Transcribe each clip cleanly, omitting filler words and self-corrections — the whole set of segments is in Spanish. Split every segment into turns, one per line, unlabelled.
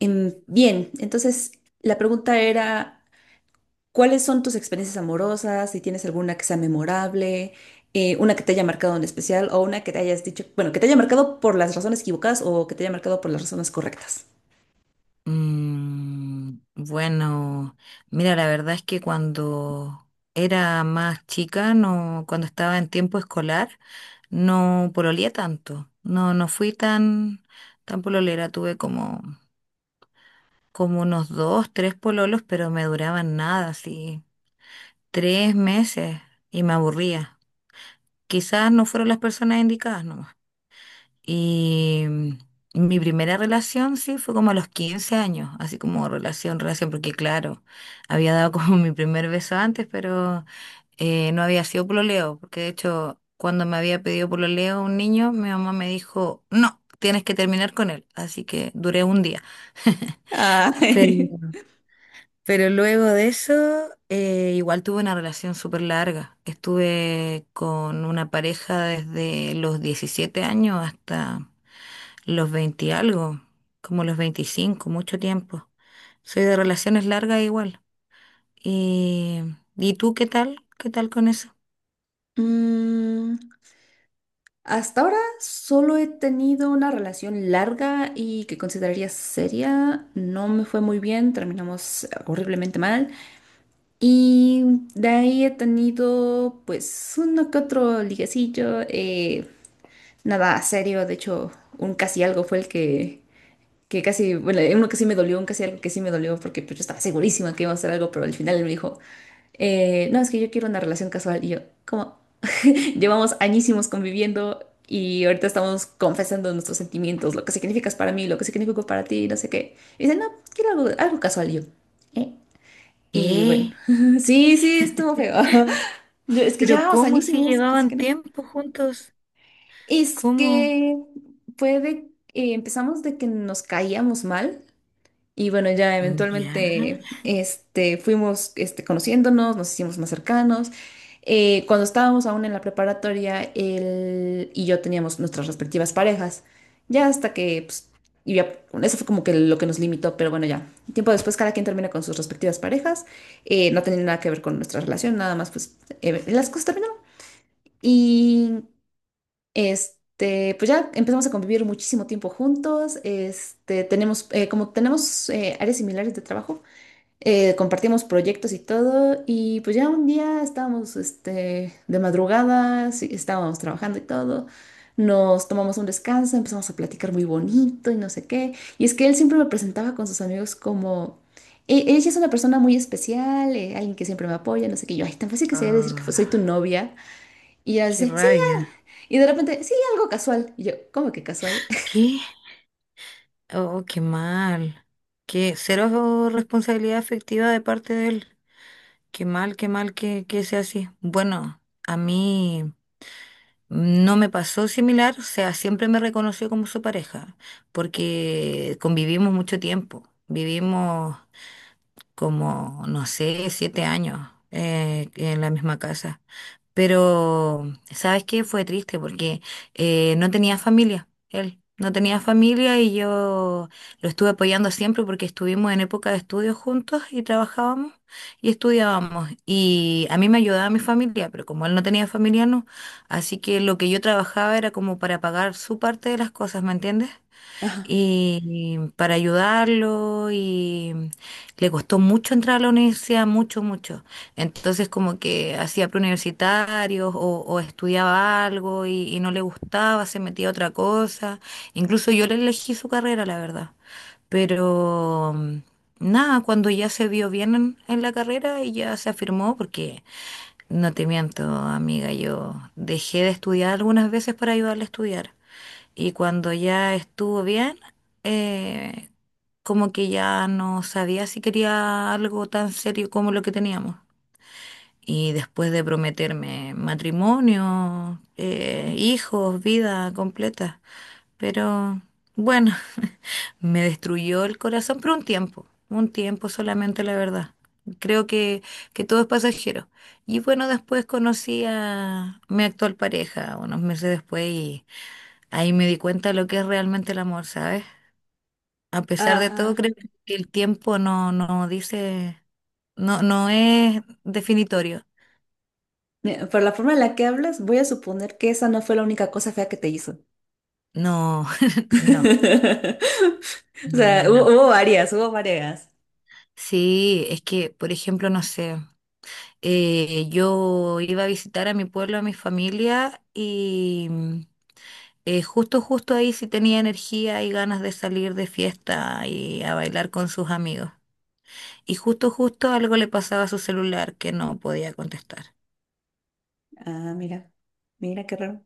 Bien, entonces la pregunta era, ¿cuáles son tus experiencias amorosas? Si tienes alguna que sea memorable, una que te haya marcado en especial o una que te hayas dicho, bueno, que te haya marcado por las razones equivocadas o que te haya marcado por las razones correctas.
Bueno, mira, la verdad es que cuando era más chica, no, cuando estaba en tiempo escolar, no pololeé tanto. No, no fui tan pololera. Tuve como unos dos, tres pololos, pero me duraban nada, así, 3 meses y me aburría. Quizás no fueron las personas indicadas, no. Y mi primera relación, sí, fue como a los 15 años, así como relación, relación, porque claro, había dado como mi primer beso antes, pero no había sido pololeo, porque de hecho, cuando me había pedido pololeo un niño, mi mamá me dijo, no, tienes que terminar con él, así que duré un día.
Ah,
Pero, pero luego de eso, igual tuve una relación súper larga. Estuve con una pareja desde los 17 años hasta los 20 y algo, como los 25, mucho tiempo. Soy de relaciones largas igual. ¿Y, ¿y tú qué tal? ¿Qué tal con eso?
mm, hasta ahora solo he tenido una relación larga y que consideraría seria. No me fue muy bien, terminamos horriblemente mal. Y de ahí he tenido pues uno que otro liguecillo, nada serio, de hecho un casi algo fue el que casi, bueno, uno que sí me dolió, un casi algo que sí me dolió porque pues, yo estaba segurísima que iba a hacer algo, pero al final él me dijo, no, es que yo quiero una relación casual y yo, ¿cómo? Llevamos añísimos conviviendo y ahorita estamos confesando nuestros sentimientos, lo que significas para mí, lo que significó para ti, no sé qué. Y dice, no, quiero algo, algo casual y yo, ¿eh? Y bueno,
¿Qué?
sí, sí, estuvo feo. No, es que
¿Pero
llevamos
cómo si
añísimos, casi
llevaban
que no.
tiempo juntos?
Es
¿Cómo?
que fue de, empezamos de que nos caíamos mal y bueno, ya
¿Ya?
eventualmente este, fuimos este, conociéndonos, nos hicimos más cercanos. Cuando estábamos aún en la preparatoria, él y yo teníamos nuestras respectivas parejas, ya hasta que, pues, y ya, bueno, eso fue como que lo que nos limitó, pero bueno, ya. Tiempo después cada quien termina con sus respectivas parejas, no tenía nada que ver con nuestra relación, nada más, pues, las cosas terminaron. Y este, pues ya empezamos a convivir muchísimo tiempo juntos. Este, tenemos, como tenemos áreas similares de trabajo, compartimos proyectos y todo. Y pues ya un día estábamos este, de madrugada, sí, estábamos trabajando y todo. Nos tomamos un descanso, empezamos a platicar muy bonito y no sé qué. Y es que él siempre me presentaba con sus amigos como. Ella sí es una persona muy especial, alguien que siempre me apoya, no sé qué. Y yo, ay, tan fácil que sería decir que soy tu
Ah,
novia. Y ella
qué
dice, sí,
rabia.
y de repente, sí, algo casual. Y yo, ¿cómo que casual?
¿Qué? Oh, qué mal. Qué cero responsabilidad afectiva de parte de él. Qué mal que sea así. Bueno, a mí. No me pasó similar, o sea, siempre me reconoció como su pareja, porque convivimos mucho tiempo, vivimos como, no sé, 7 años en la misma casa. Pero, ¿sabes qué? Fue triste porque no tenía familia, él no tenía familia y yo lo estuve apoyando siempre porque estuvimos en época de estudios juntos y trabajábamos y estudiábamos. Y a mí me ayudaba mi familia, pero como él no tenía familia, no. Así que lo que yo trabajaba era como para pagar su parte de las cosas, ¿me entiendes?
Ajá.
Y para ayudarlo, y le costó mucho entrar a la universidad, mucho, mucho. Entonces como que hacía preuniversitarios o estudiaba algo y no le gustaba, se metía a otra cosa. Incluso yo le elegí su carrera, la verdad. Pero nada, cuando ya se vio bien en la carrera y ya se afirmó, porque no te miento, amiga, yo dejé de estudiar algunas veces para ayudarle a estudiar. Y cuando ya estuvo bien, eh, como que ya no sabía si quería algo tan serio como lo que teníamos. Y después de prometerme matrimonio, hijos, vida completa. Pero bueno, me destruyó el corazón por un tiempo solamente, la verdad. Creo que todo es pasajero. Y bueno, después conocí a mi actual pareja unos meses después, y ahí me di cuenta de lo que es realmente el amor, ¿sabes? A pesar de todo,
Ah,
creo que el tiempo no dice, no es definitorio.
mira, por la forma en la que hablas, voy a suponer que esa no fue la única cosa fea que te hizo.
No, no,
O
no,
sea,
no, no.
hubo, varias, hubo varias.
Sí, es que, por ejemplo, no sé, yo iba a visitar a mi pueblo, a mi familia, y justo, justo ahí sí tenía energía y ganas de salir de fiesta y a bailar con sus amigos. Y justo, justo algo le pasaba a su celular que no podía contestar.
Ah, mira, mira qué raro.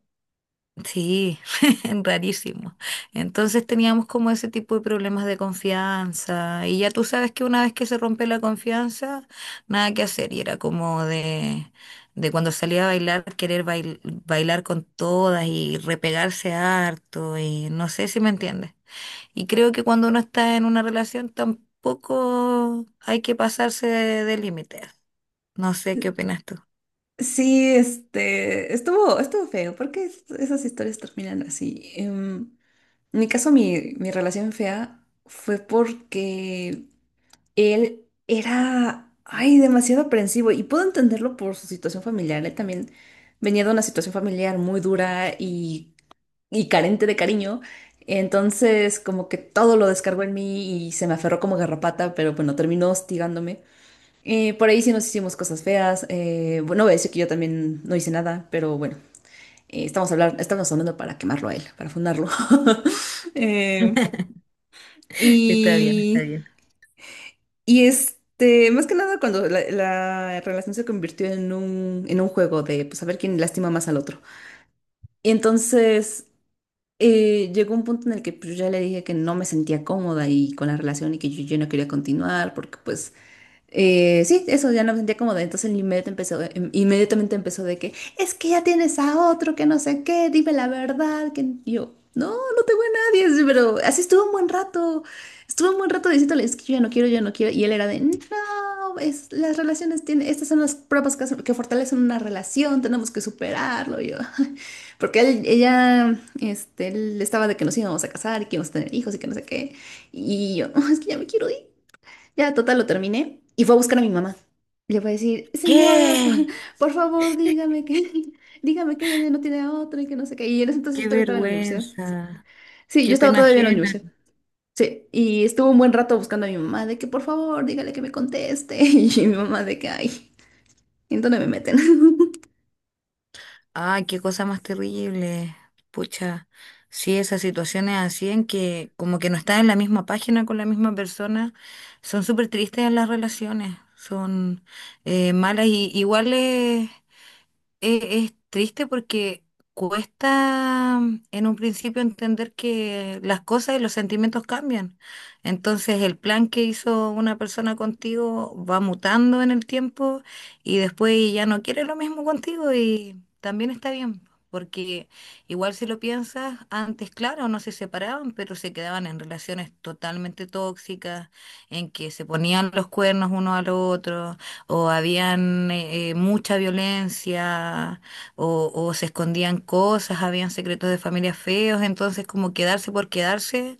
Sí, rarísimo. Entonces teníamos como ese tipo de problemas de confianza, y ya tú sabes que una vez que se rompe la confianza, nada que hacer, y era como de, cuando salía a bailar, querer bailar con todas y repegarse harto, y no sé si me entiendes. Y creo que cuando uno está en una relación tampoco hay que pasarse de límites. No sé qué opinas tú.
Sí, este, estuvo, estuvo feo. ¿Por qué esas historias terminan así? En mi caso, mi relación fea fue porque él era, ay, demasiado aprensivo y puedo entenderlo por su situación familiar. Él también venía de una situación familiar muy dura y carente de cariño. Entonces, como que todo lo descargó en mí y se me aferró como garrapata, pero bueno, terminó hostigándome. Por ahí sí nos hicimos cosas feas. Bueno, voy a decir que yo también no hice nada, pero bueno, estamos hablando para quemarlo a él, para fundarlo. Eh,
Está bien, está
y
bien.
Y este, más que nada cuando la relación se convirtió en un juego de pues a ver quién lastima más al otro. Y entonces llegó un punto en el que pues, yo ya le dije que no me sentía cómoda y con la relación y que yo no quería continuar porque pues sí, eso ya no me sentía cómoda. Entonces inmediatamente empezó, inmediatamente empezó de que es que ya tienes a otro, que no sé qué, dime la verdad. Que... y yo, no, no tengo a nadie. Sí, pero así estuvo un buen rato. Estuvo un buen rato diciéndole, es que yo ya no quiero, yo ya no quiero. Y él era de, no, es, las relaciones tienen, estas son las pruebas que fortalecen una relación, tenemos que superarlo. Y yo, porque él estaba de que nos íbamos a casar y que íbamos a tener hijos y que no sé qué. Y yo, "Oh, es que ya me quiero ir. Ya, total, lo terminé y fue a buscar a mi mamá. Le fue a decir, señora,
¿Qué?
por favor, dígame que, dígame que ella ya no tiene a otro y que no sé qué. Y en ese entonces
¡Qué
yo todavía estaba en la universidad.
vergüenza!
Sí, yo
Qué
estaba
pena
todavía en la
ajena.
universidad. Sí, y estuve un buen rato buscando a mi mamá de que por favor, dígale que me conteste. Y mi mamá de que, ay, ¿en dónde me meten?
Ah, qué cosa más terrible. Pucha, sí, esas situaciones así en que como que no estás en la misma página con la misma persona, son súper tristes. En las relaciones son malas y iguales. Es triste porque cuesta en un principio entender que las cosas y los sentimientos cambian. Entonces el plan que hizo una persona contigo va mutando en el tiempo, y después ya no quiere lo mismo contigo, y también está bien. Porque igual si lo piensas, antes, claro, no se separaban, pero se quedaban en relaciones totalmente tóxicas, en que se ponían los cuernos uno al otro, o habían mucha violencia, o se escondían cosas, habían secretos de familia feos. Entonces como quedarse por quedarse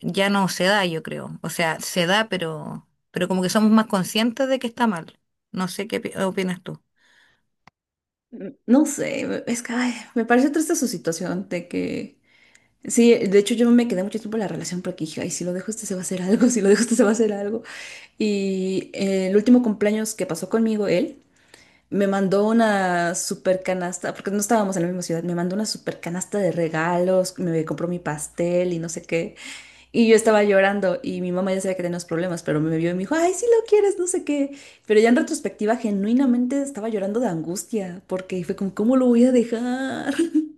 ya no se da, yo creo. O sea, se da, pero como que somos más conscientes de que está mal. No sé qué opinas tú.
No sé, es que ay, me pareció triste su situación de que sí, de hecho yo me quedé mucho tiempo en la relación porque dije, ay, si lo dejo este se va a hacer algo, si lo dejo este se va a hacer algo. Y el último cumpleaños que pasó conmigo, él me mandó una super canasta, porque no estábamos en la misma ciudad, me mandó una super canasta de regalos, me compró mi pastel y no sé qué. Y yo estaba llorando y mi mamá ya sabía que tenía unos problemas, pero me vio y me dijo, ay, si lo quieres, no sé qué. Pero ya en retrospectiva, genuinamente estaba llorando de angustia porque fue como, ¿cómo lo voy a dejar?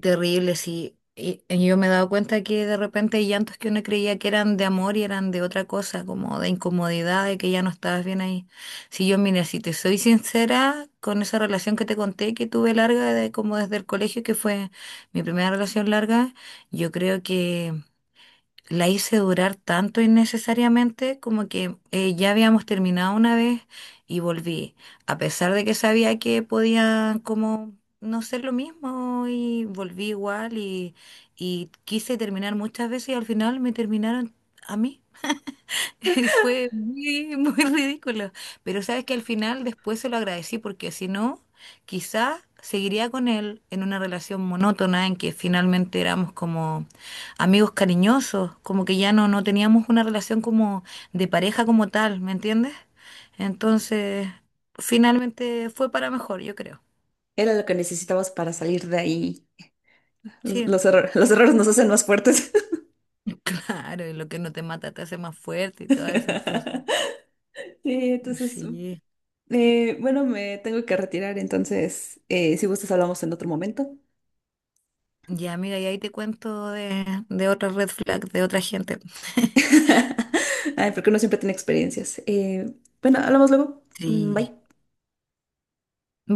Terrible, sí. Y yo me he dado cuenta que de repente hay llantos que uno creía que eran de amor y eran de otra cosa, como de incomodidad, de que ya no estabas bien ahí. Si yo, mira, si te soy sincera con esa relación que te conté, que tuve larga, de, como desde el colegio, que fue mi primera relación larga, yo creo que la hice durar tanto innecesariamente, como que ya habíamos terminado una vez y volví, a pesar de que sabía que podía como no ser lo mismo, y volví igual, y quise terminar muchas veces y al final me terminaron a mí. Fue muy, muy ridículo. Pero sabes que al final después se lo agradecí, porque si no, quizá seguiría con él en una relación monótona en que finalmente éramos como amigos cariñosos, como que ya no teníamos una relación como de pareja como tal, ¿me entiendes? Entonces, finalmente fue para mejor, yo creo.
Era lo que necesitabas para salir de ahí. Los,
Sí,
los erro- los errores nos hacen más fuertes.
claro, y lo que no te mata te hace más fuerte y todas esas cosas.
Sí, entonces,
Sí.
bueno, me tengo que retirar, entonces, si gustas, hablamos en otro momento.
Ya, amiga, y ahí te cuento de, otra red flag de otra gente.
Ay, porque uno siempre tiene experiencias. Bueno, hablamos luego. Mm,
Sí.
bye.